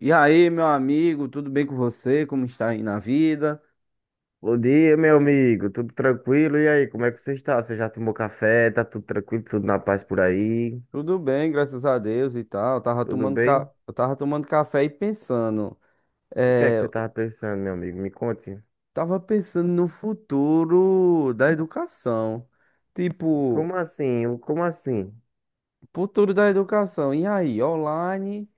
E aí, meu amigo, tudo bem com você? Como está aí na vida? Bom dia, meu amigo. Tudo tranquilo? E aí, como é que você está? Você já tomou café? Tá tudo tranquilo? Tudo na paz por aí? Tudo bem, graças a Deus e tal. Eu tava Tudo tomando, ca... bem? eu tava tomando café e pensando. O que é que É... você eu estava pensando, meu amigo? Me conte. Tava pensando no futuro da educação. Tipo, Como assim? Como assim? futuro da educação. E aí, online?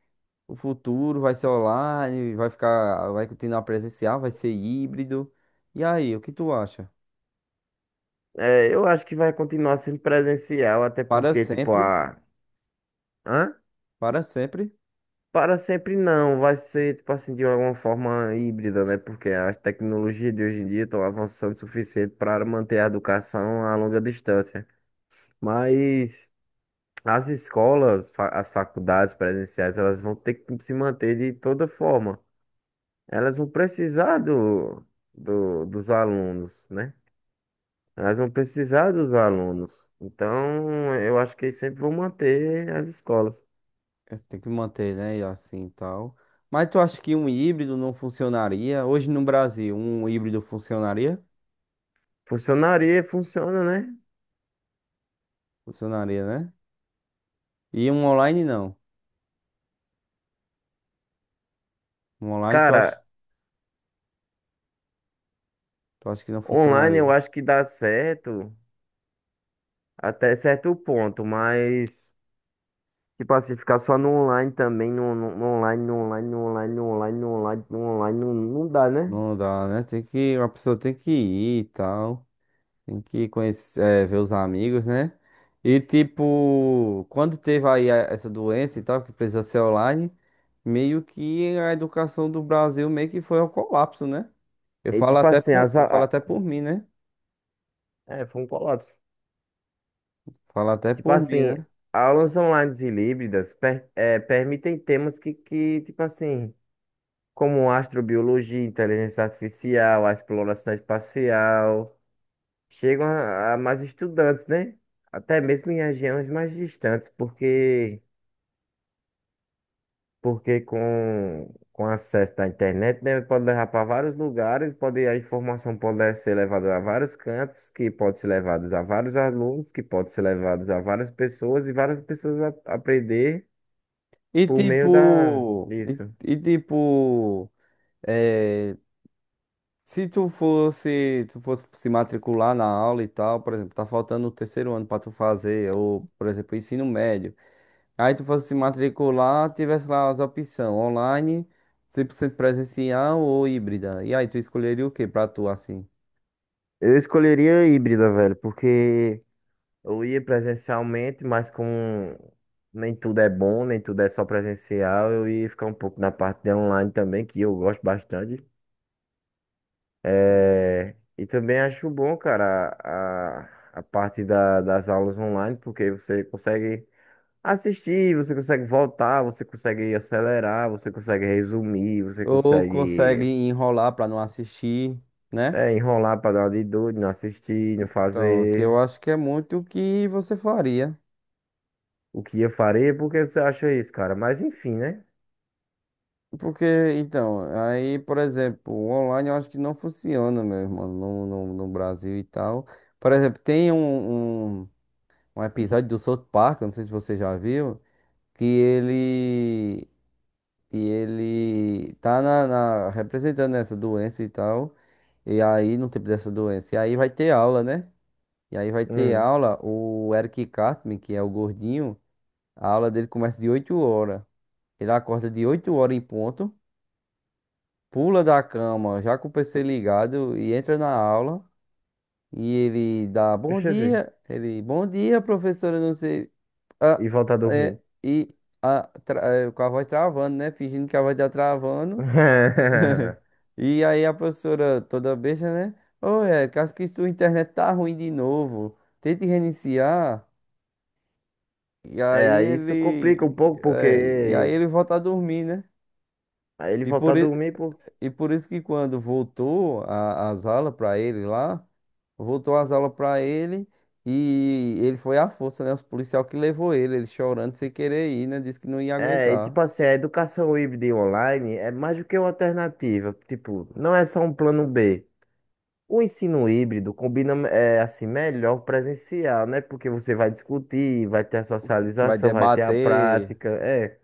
O futuro vai ser online? Vai ficar. Vai continuar presencial? Vai ser híbrido? E aí, o que tu acha? É, eu acho que vai continuar sendo presencial, até Para porque, tipo, sempre? a. Hã? Para sempre? Para sempre não. Vai ser, tipo assim, de alguma forma híbrida, né? Porque as tecnologias de hoje em dia estão avançando o suficiente para manter a educação a longa distância. Mas. As escolas, as faculdades presenciais, elas vão ter que se manter de toda forma. Elas vão precisar dos alunos, né? Elas vão precisar dos alunos. Então, eu acho que sempre vão manter as escolas. É, tem que manter, né? E assim e tal. Mas tu acha que um híbrido não funcionaria? Hoje no Brasil, um híbrido funcionaria? Funcionaria, funciona, né? Funcionaria, né? E um online não. Um online tu acha, Cara, tu acha que não online funcionaria? eu acho que dá certo até certo ponto, mas, tipo assim, ficar só no online também, no online, não, não dá, né? Não dá, né? A pessoa tem que ir e tal. Tem que conhecer, ver os amigos, né? E tipo, quando teve aí essa doença e tal, que precisa ser online, meio que a educação do Brasil meio que foi ao colapso, né? Eu E falo tipo até assim, por, as, eu falo a- até por mim, né? é, foi um colapso. Fala até Tipo por mim, assim, né? aulas online e híbridas permitem temas que, tipo assim, como astrobiologia, inteligência artificial, a exploração espacial, chegam a mais estudantes, né? Até mesmo em regiões mais distantes. Porque com acesso da internet, né, pode levar para vários lugares, a informação pode ser levada a vários cantos, que pode ser levados a vários alunos, que pode ser levados a várias pessoas, e várias pessoas aprender E por meio tipo, e, disso. e tipo, eh, se tu fosse se matricular na aula e tal, por exemplo, tá faltando o terceiro ano pra tu fazer, ou, por exemplo, ensino médio. Aí tu fosse se matricular, tivesse lá as opções online, 100% presencial ou híbrida. E aí tu escolheria o que pra tu assim? Eu escolheria a híbrida, velho, porque eu ia presencialmente, mas com nem tudo é bom, nem tudo é só presencial, eu ia ficar um pouco na parte de online também, que eu gosto bastante. É, e também acho bom, cara, a parte das aulas online, porque você consegue assistir, você consegue voltar, você consegue acelerar, você consegue resumir, você Ou consegue consegue enrolar pra não assistir, né? Enrolar para dar uma de doido, não assistir, não Então, que eu fazer acho que é muito o que você faria. o que eu faria, por que você acha isso, cara? Mas enfim, né? Porque, então, aí, por exemplo, o online eu acho que não funciona, meu irmão, no Brasil e tal. Por exemplo, tem um episódio do South Park, eu não sei se você já viu, que ele, que ele tá representando essa doença e tal. E aí, no tempo dessa doença, e aí vai ter aula, né? E aí vai ter Hum, aula, o Eric Cartman, que é o gordinho, a aula dele começa de 8 horas. Ele acorda de 8 horas em ponto. Pula da cama, já com o PC ligado, e entra na aula. E ele dá bom Deixa eu ver. dia. Ele, bom dia, professora, não sei. Ah, E voltar a dormir. é, e ah, tra- com a voz travando, né? Fingindo que a voz tá travando. E aí a professora toda besta, né? Ô, é, caso que sua internet tá ruim de novo. Tente reiniciar. E É, aí aí isso ele. complica um pouco, é, e aí porque ele volta a dormir, né? aí ele E voltar a por, i- dormir. E por isso que quando voltou as aulas para ele lá, voltou as aulas para ele e ele foi à força, né? Os policial que levou ele, ele chorando sem querer ir, né? Disse que não ia É, e aguentar. tipo assim, a educação híbrida e online é mais do que uma alternativa. Tipo, não é só um plano B. O ensino híbrido combina assim melhor o presencial, né? Porque você vai discutir, vai ter a Vai socialização, vai ter a debater prática, é.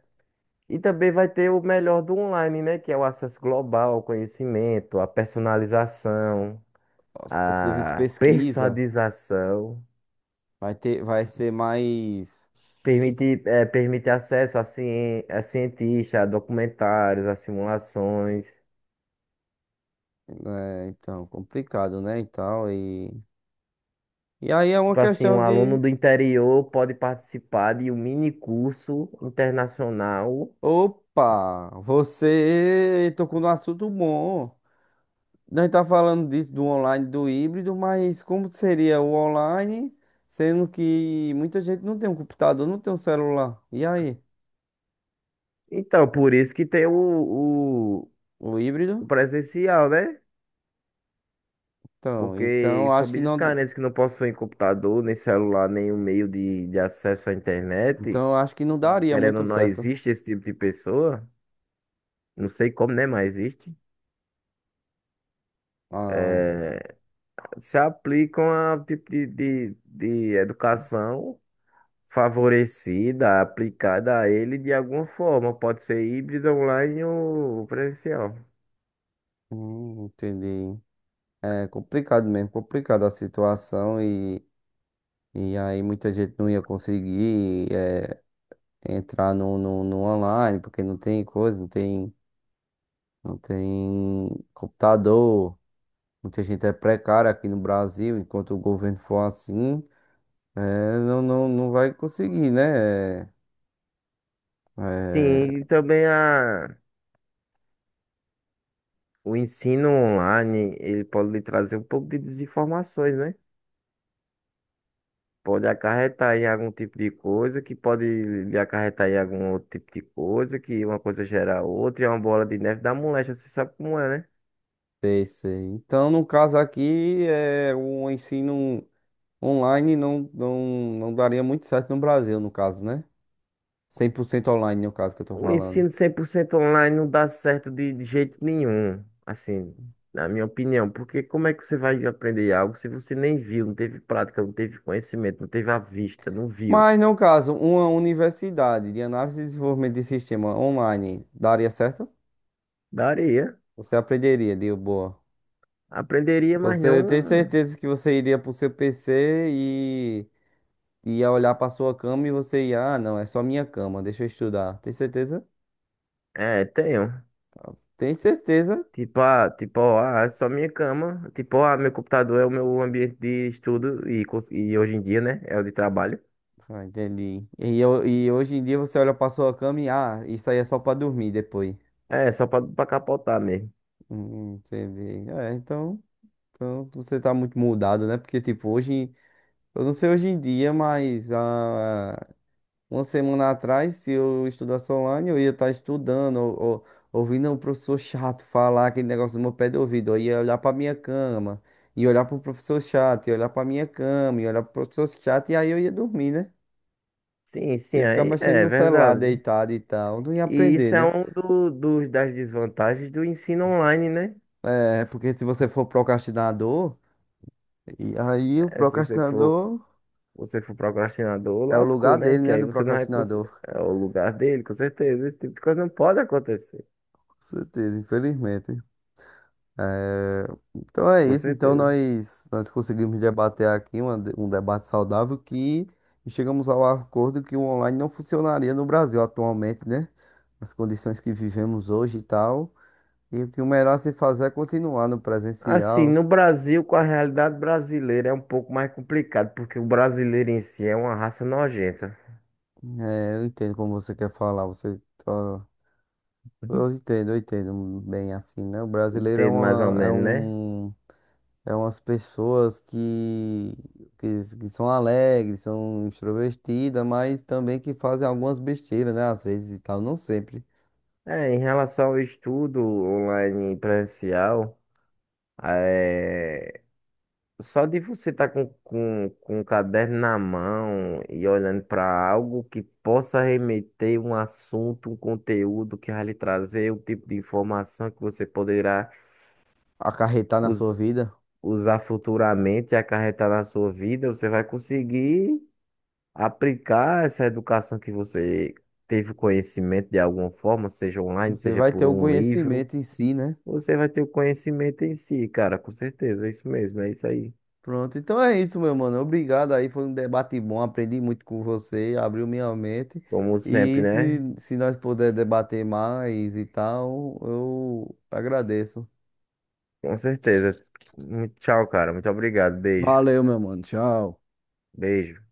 E também vai ter o melhor do online, né? Que é o acesso global ao conhecimento, a as, personalização, as possíveis a pesquisas, persuadização. Vai ser mais, Permite acesso a cientistas, a documentários, a simulações. né, então, complicado, né? E tal, e aí é uma Tipo assim, um questão aluno de. do interior pode participar de um mini curso internacional. Opa, você tocou no assunto bom. Nós tá falando disso do online, do híbrido, mas como seria o online, sendo que muita gente não tem um computador, não tem um celular. E aí? Então, por isso que tem o, O o híbrido? presencial, né? Então, Porque então acho que famílias não, carentes que não possuem computador, nem celular, nenhum meio de acesso à internet, então acho que não daria querendo ou muito não, certo. existe esse tipo de pessoa. Não sei como, né? Mas existe. Ah, É, se aplicam a tipo de educação favorecida, aplicada a ele de alguma forma. Pode ser híbrido, online ou presencial. Entendi. É complicado mesmo, complicada a situação e aí muita gente não ia conseguir entrar no online, porque não tem coisa, não tem computador. Muita gente é precária aqui no Brasil, enquanto o governo for assim, não vai conseguir, né? Sim, e eh, também o ensino online, ele pode lhe trazer um pouco de desinformações, né? Pode acarretar em algum tipo de coisa, que pode lhe acarretar em algum outro tipo de coisa, que uma coisa gera outra, e é uma bola de neve da moléstia, você sabe como é, né? Ter isso aí. Então, no caso aqui, o ensino online não daria muito certo no Brasil, no caso, né? 100% online, no caso que eu tô O falando. ensino 100% online não dá certo de jeito nenhum, assim, na minha opinião, porque como é que você vai aprender algo se você nem viu, não teve prática, não teve conhecimento, não teve a vista, não viu? Mas, no caso, uma universidade de análise e desenvolvimento de sistema online daria certo? Daria, Você aprenderia, de boa. aprenderia, mas Você tem não, certeza que você iria pro seu PC e ia olhar pra sua cama e você ia, ah, não, é só minha cama, deixa eu estudar. Tem certeza? Tenho. Tem certeza? Tipo, ah, é só minha cama, tipo, ah, meu computador é o meu ambiente de estudo e hoje em dia, né, é o de trabalho. Ah, entendi. E hoje em dia você olha pra sua cama e, ah, isso aí é só pra dormir depois. É, só pra, pra capotar mesmo. Entendi. É, então você tá muito mudado, né? Porque, tipo, hoje, eu não sei hoje em dia, mas uma semana atrás, se eu estudasse online, eu ia estar estudando, ou- ouvindo o professor chato falar aquele negócio no meu pé de ouvido. Eu ia olhar para minha cama, e olhar para o professor chato, e olhar para minha cama, e olhar para o professor chato, e aí eu ia dormir, né? Sim, sim, Ia ficar aí mexendo é no celular, verdade. deitado e tal. Não ia E aprender, isso é né? um das desvantagens do ensino online, né? É, porque se você for procrastinador, e aí o É, se você for, procrastinador você for procrastinador, é o lugar lascou, né? dele, Porque né? aí Do você não vai. Procrastinador. É o lugar dele, com certeza. Esse tipo de coisa não pode acontecer, Com certeza, infelizmente. É, então é com isso. Então certeza. nós conseguimos debater aqui um debate saudável que chegamos ao acordo que o online não funcionaria no Brasil atualmente, né? As condições que vivemos hoje e tal. E o que o melhor a se fazer é continuar no Assim, presencial. no Brasil, com a realidade brasileira, é um pouco mais complicado, porque o brasileiro em si é uma raça nojenta. É, eu entendo como você quer falar. Você, tá- eu entendo bem assim, né? O brasileiro é Entendo mais ou uma, é menos, né? um É umas pessoas que são alegres, são extrovertidas, mas também que fazem algumas besteiras, né? Às vezes e tal, não sempre. É, em relação ao estudo online e presencial, é, só de você estar com um caderno na mão e olhando para algo que possa remeter um assunto, um conteúdo que vai lhe trazer o tipo de informação que você poderá Acarretar na sua us- vida. usar futuramente e acarretar na sua vida, você vai conseguir aplicar essa educação que você teve o conhecimento de alguma forma, seja online, Você seja vai ter por o um livro. conhecimento em si, né? Você vai ter o conhecimento em si, cara, com certeza, é isso mesmo, é isso aí. Pronto, então é isso, meu mano. Obrigado aí, foi um debate bom, aprendi muito com você, abriu minha mente. Como sempre, E né? se nós puder debater mais e tal, eu agradeço. Com certeza. Tchau, cara. Muito obrigado. Beijo. Valeu, meu mano. Tchau. Beijo.